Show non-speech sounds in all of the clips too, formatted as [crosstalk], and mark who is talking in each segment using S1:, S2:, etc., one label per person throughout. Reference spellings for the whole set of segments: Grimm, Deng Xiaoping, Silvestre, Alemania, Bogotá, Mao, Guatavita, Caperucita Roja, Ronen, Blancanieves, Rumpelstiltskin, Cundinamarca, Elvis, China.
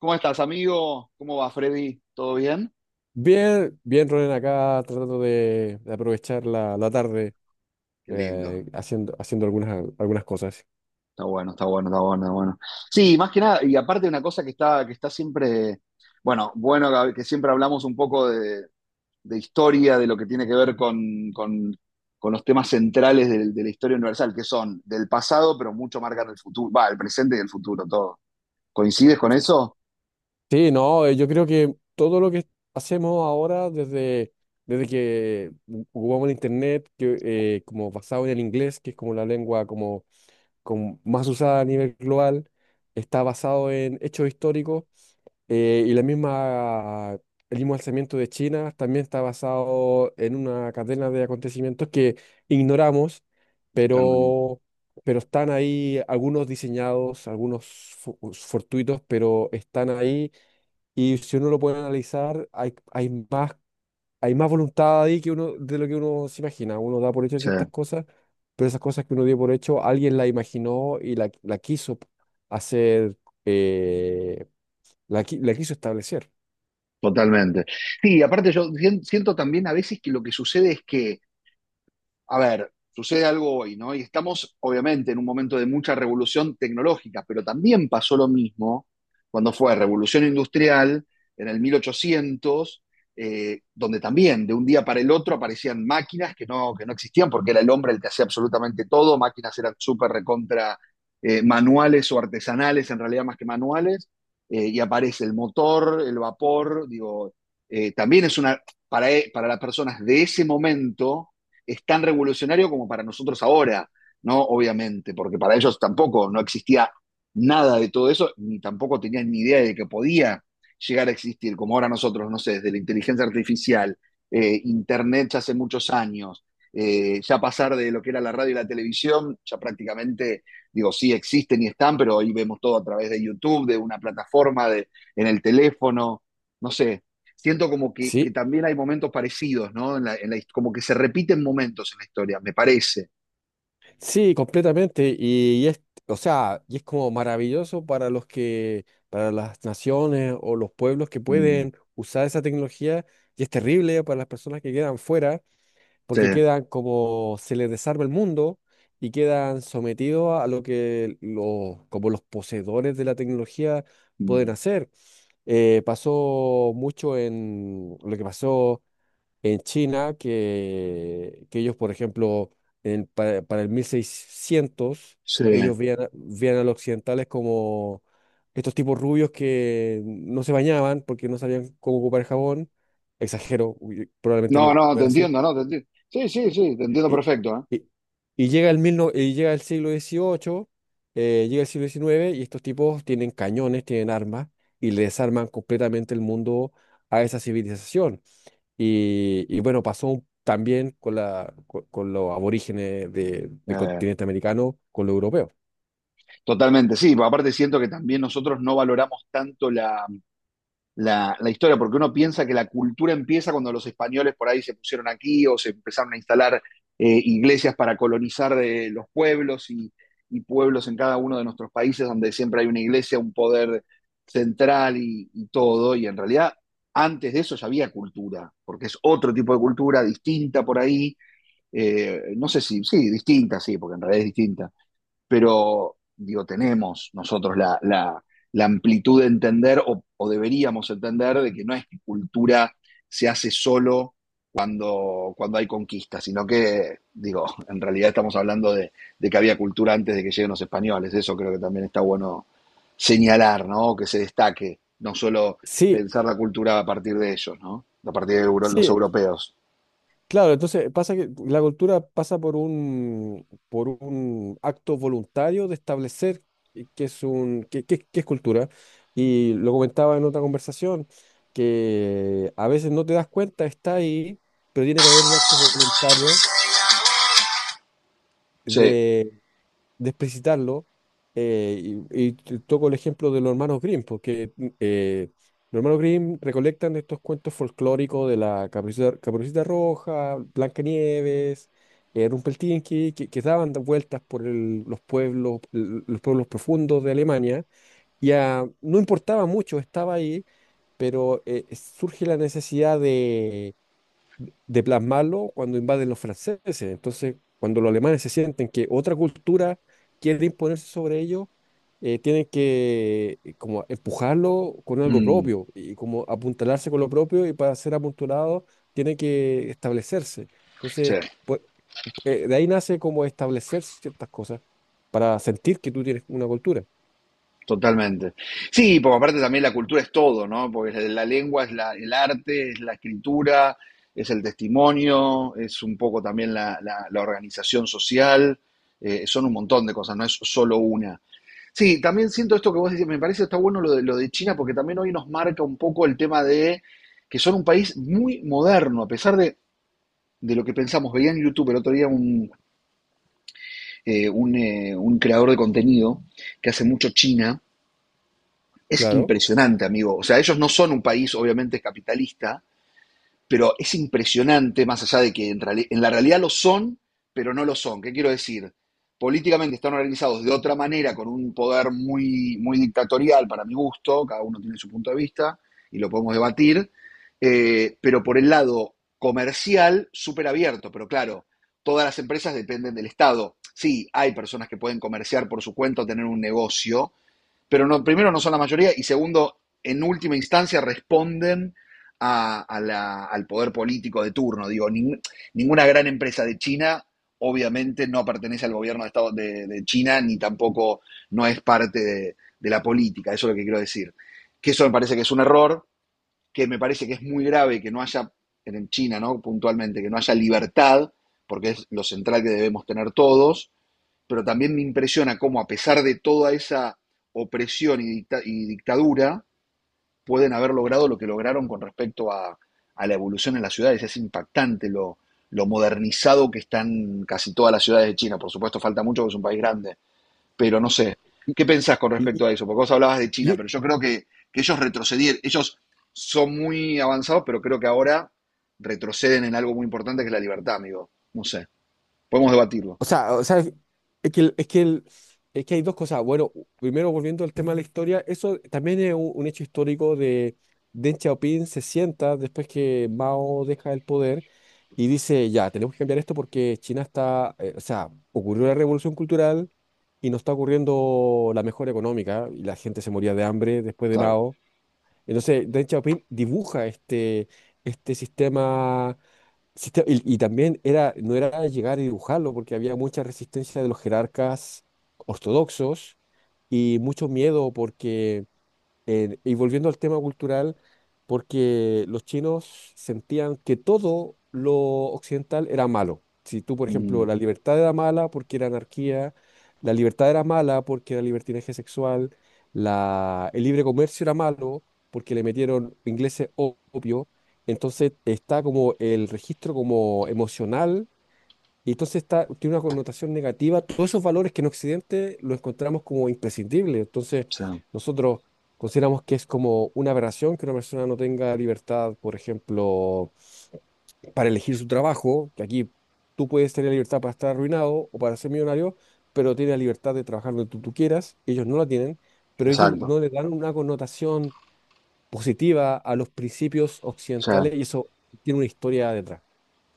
S1: ¿Cómo estás, amigo? ¿Cómo va, Freddy? ¿Todo bien?
S2: Bien, bien, Ronen, acá tratando de aprovechar la tarde,
S1: Qué lindo.
S2: haciendo, haciendo algunas cosas.
S1: Está bueno. Sí, más que nada, y aparte una cosa que está siempre, bueno, Gaby, que siempre hablamos un poco de historia, de lo que tiene que ver con los temas centrales de la historia universal, que son del pasado, pero mucho marcan el futuro, va, el presente y el futuro, todo. ¿Coincides con eso?
S2: Sí, no, yo creo que todo lo que hacemos ahora desde que jugamos el internet, como basado en el inglés, que es como la lengua como más usada a nivel global, está basado en hechos históricos. Y el mismo alzamiento de China también está basado en una cadena de acontecimientos que ignoramos,
S1: Totalmente.
S2: pero, pero están ahí algunos diseñados, algunos fortuitos, pero están ahí. Y si uno lo puede analizar, hay más voluntad ahí que uno, de lo que uno se imagina. Uno da por hecho
S1: Sí,
S2: ciertas cosas, pero esas cosas que uno dio por hecho, alguien la imaginó y la quiso hacer, eh, la quiso establecer.
S1: totalmente. Sí, aparte yo siento también a veces que lo que sucede es que a ver, sucede algo hoy, ¿no? Y estamos obviamente en un momento de mucha revolución tecnológica, pero también pasó lo mismo cuando fue revolución industrial en el 1800, donde también de un día para el otro aparecían máquinas que no existían porque era el hombre el que hacía absolutamente todo, máquinas eran súper recontra manuales o artesanales, en realidad más que manuales, y aparece el motor, el vapor, digo, también es una, para las personas de ese momento, es tan revolucionario como para nosotros ahora, ¿no? Obviamente, porque para ellos tampoco no existía nada de todo eso, ni tampoco tenían ni idea de que podía llegar a existir, como ahora nosotros, no sé, desde la inteligencia artificial, Internet ya hace muchos años, ya pasar de lo que era la radio y la televisión, ya prácticamente, digo, sí existen y están, pero hoy vemos todo a través de YouTube, de una plataforma, de, en el teléfono, no sé, siento como que
S2: Sí,
S1: también hay momentos parecidos, ¿no? Como que se repiten momentos en la historia, me parece.
S2: sí, completamente. O sea, y es como maravilloso para los que, para las naciones o los pueblos que
S1: Mm,
S2: pueden usar esa tecnología, y es terrible para las personas que quedan fuera
S1: sí,
S2: porque quedan como se les desarma el mundo y quedan sometidos a lo que los, como los poseedores de la tecnología pueden
S1: mm,
S2: hacer. Pasó mucho en lo que pasó en China, que ellos, por ejemplo, para el 1600,
S1: sí.
S2: ellos veían, veían a los occidentales como estos tipos rubios que no se bañaban porque no sabían cómo ocupar el jabón. Exagero, uy, probablemente no
S1: No,
S2: no
S1: no, te
S2: era así.
S1: entiendo, no, te entiendo. Sí, sí, sí, te entiendo
S2: y,
S1: perfecto,
S2: y- y llega el mil no- y llega el siglo dieciocho, llega el siglo diecinueve y estos tipos tienen cañones, tienen armas y le desarman completamente el mundo a esa civilización. Y bueno, también con los aborígenes
S1: ¿eh?
S2: del continente americano, con los europeos.
S1: Totalmente, sí, aparte siento que también nosotros no valoramos tanto la historia, porque uno piensa que la cultura empieza cuando los españoles por ahí se pusieron aquí o se empezaron a instalar iglesias para colonizar los pueblos y pueblos en cada uno de nuestros países donde siempre hay una iglesia, un poder central y todo, y en realidad antes de eso ya había cultura, porque es otro tipo de cultura distinta por ahí, no sé si, sí, distinta, sí, porque en realidad es distinta, pero digo, tenemos nosotros la amplitud de entender o deberíamos entender de que no es que cultura se hace solo cuando hay conquista, sino que, digo, [laughs] en realidad estamos hablando de que había cultura antes de que lleguen los españoles, eso creo que también está bueno señalar, ¿no? Que se destaque, no solo
S2: Sí,
S1: pensar la cultura a partir de ellos, ¿no? A partir de los
S2: sí,
S1: europeos.
S2: claro, entonces pasa que la cultura pasa por por un acto voluntario de establecer qué qué es qué es cultura. Y lo comentaba en otra conversación, que a veces no te das cuenta, está ahí, pero tiene que haber un acto voluntario
S1: Sí.
S2: de explicitarlo, eh, toco el ejemplo de los hermanos Grimm, porque eh, los hermanos Grimm recolectan estos cuentos folclóricos de la Caperucita, Caperucita Roja, Blancanieves, Rumpelstiltskin, que daban vueltas por los pueblos, los pueblos profundos de Alemania, y ah, no importaba mucho, estaba ahí, pero surge la necesidad de plasmarlo cuando invaden los franceses. Entonces, cuando los alemanes se sienten que otra cultura quiere imponerse sobre ellos, tienen que como empujarlo con algo
S1: Mm,
S2: propio y como apuntalarse con lo propio y para ser apuntalados tiene que establecerse. Entonces,
S1: sí.
S2: pues, de ahí nace como establecer ciertas cosas para sentir que tú tienes una cultura.
S1: Totalmente. Sí, porque aparte también la cultura es todo, ¿no? Porque la lengua es la, el arte, es la escritura, es el testimonio, es un poco también la, la organización social, son un montón de cosas, no es solo una. Sí, también siento esto que vos decís, me parece está bueno lo de China porque también hoy nos marca un poco el tema de que son un país muy moderno, a pesar de lo que pensamos. Veía en YouTube el otro día un creador de contenido que hace mucho China es
S2: Claro.
S1: impresionante, amigo. O sea, ellos no son un país, obviamente, capitalista, pero es impresionante, más allá de que en la realidad lo son, pero no lo son. ¿Qué quiero decir? Políticamente están organizados de otra manera, con un poder muy dictatorial para mi gusto, cada uno tiene su punto de vista y lo podemos debatir, pero por el lado comercial, súper abierto, pero claro, todas las empresas dependen del Estado. Sí, hay personas que pueden comerciar por su cuenta o tener un negocio, pero no, primero no son la mayoría y segundo, en última instancia responden a al poder político de turno. Digo, ninguna gran empresa de China obviamente no pertenece al gobierno de, Estado, de China ni tampoco no es parte de la política, eso es lo que quiero decir. Que eso me parece que es un error, que me parece que es muy grave que no haya, en China, ¿no? Puntualmente, que no haya libertad, porque es lo central que debemos tener todos, pero también me impresiona cómo a pesar de toda esa opresión y, y dictadura, pueden haber logrado lo que lograron con respecto a la evolución en las ciudades. Es impactante lo modernizado que están casi todas las ciudades de China. Por supuesto, falta mucho porque es un país grande, pero no sé.
S2: Y,
S1: ¿Qué pensás con respecto
S2: y,
S1: a eso? Porque vos hablabas de China,
S2: y-
S1: pero yo creo que ellos retrocedieron, ellos son muy avanzados, pero creo que ahora retroceden en algo muy importante que es la libertad, amigo. No sé, podemos debatirlo.
S2: O sea, es que, es que hay dos cosas. Bueno, primero volviendo al tema de la historia, eso también es un hecho histórico de Deng Xiaoping. Se sienta después que Mao deja el poder y dice, ya, tenemos que cambiar esto porque China está, o sea, ocurrió la revolución cultural y no está ocurriendo la mejora económica y la gente se moría de hambre después de
S1: Claro.
S2: Mao. Entonces, Deng Xiaoping dibuja este, este y también era, no era llegar y dibujarlo, porque había mucha resistencia de los jerarcas ortodoxos y mucho miedo porque, y volviendo al tema cultural, porque los chinos sentían que todo lo occidental era malo. Si tú, por ejemplo,
S1: Mm,
S2: la libertad era mala porque era anarquía, la libertad era mala porque era libertinaje sexual, el libre comercio era malo porque le metieron ingleses opio, entonces está como el registro como emocional y entonces está, tiene una connotación negativa. Todos esos valores que en Occidente los encontramos como imprescindibles. Entonces,
S1: sí.
S2: nosotros consideramos que es como una aberración que una persona no tenga libertad, por ejemplo, para elegir su trabajo, que aquí tú puedes tener libertad para estar arruinado o para ser millonario, pero tienes la libertad de trabajar donde tú quieras, ellos no la tienen, pero ellos
S1: Exacto.
S2: no le dan una connotación positiva a los principios
S1: Sí.
S2: occidentales y eso tiene una historia detrás.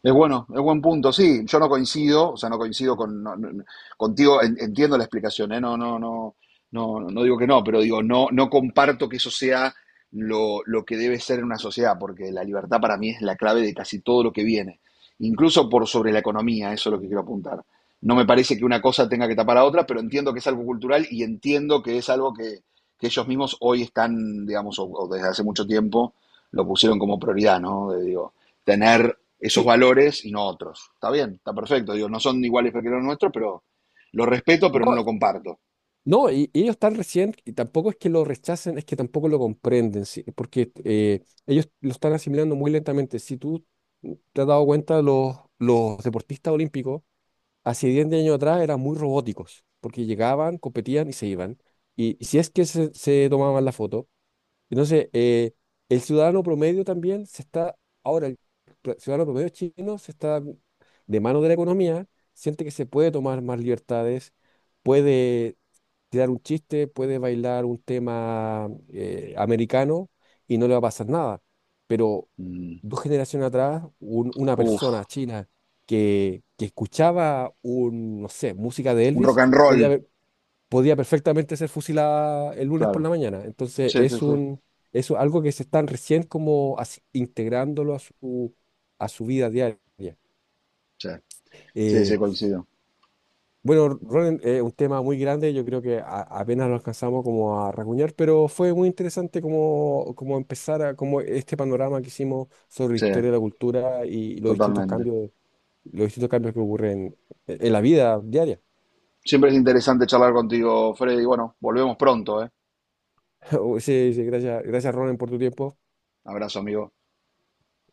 S1: Es bueno, es buen punto. Sí, yo no coincido, o sea, no coincido con, contigo, entiendo la explicación, ¿eh? No, no, digo que no, pero digo, no, no comparto que eso sea lo que debe ser en una sociedad, porque la libertad para mí es la clave de casi todo lo que viene, incluso por sobre la economía, eso es lo que quiero apuntar. No me parece que una cosa tenga que tapar a otra, pero entiendo que es algo cultural y entiendo que es algo que ellos mismos hoy están, digamos, o desde hace mucho tiempo lo pusieron como prioridad, ¿no? De, digo, tener esos
S2: Sí,
S1: valores y no otros. Está bien, está perfecto. Digo, no son iguales que los nuestros, pero lo respeto, pero no
S2: no,
S1: lo comparto.
S2: no, y ellos están recién, y tampoco es que lo rechacen, es que tampoco lo comprenden, sí, porque ellos lo están asimilando muy lentamente. Si tú te has dado cuenta, los deportistas olímpicos hace 10 años atrás eran muy robóticos, porque llegaban, competían y se iban. Y si es que se tomaban la foto, entonces, el ciudadano promedio también se está, ahora el ciudadano promedio chino se está de mano de la economía, siente que se puede tomar más libertades, puede tirar un chiste, puede bailar un tema americano y no le va a pasar nada. Pero
S1: Mm.
S2: dos generaciones atrás, una
S1: Uf,
S2: persona china que escuchaba un, no sé, música de
S1: un rock
S2: Elvis,
S1: and roll.
S2: podía, podía perfectamente ser fusilada el lunes por
S1: Claro.
S2: la mañana. Entonces
S1: Sí, sí,
S2: es
S1: sí.
S2: un, es algo que se están recién como integrándolo a su vida diaria.
S1: Sí, sí,
S2: Eh,
S1: sí, coincido.
S2: bueno, Ronen, es un tema muy grande, yo creo que apenas lo alcanzamos como a racuñar, pero fue muy interesante como, como empezar a, como este panorama que hicimos sobre la
S1: Sí,
S2: historia de la cultura y
S1: totalmente.
S2: los distintos cambios que ocurren en la vida diaria.
S1: Siempre es interesante charlar contigo, Freddy. Bueno, volvemos pronto, ¿eh?
S2: [laughs] Sí, sí, gracias, gracias Ronen por tu tiempo.
S1: Abrazo, amigo.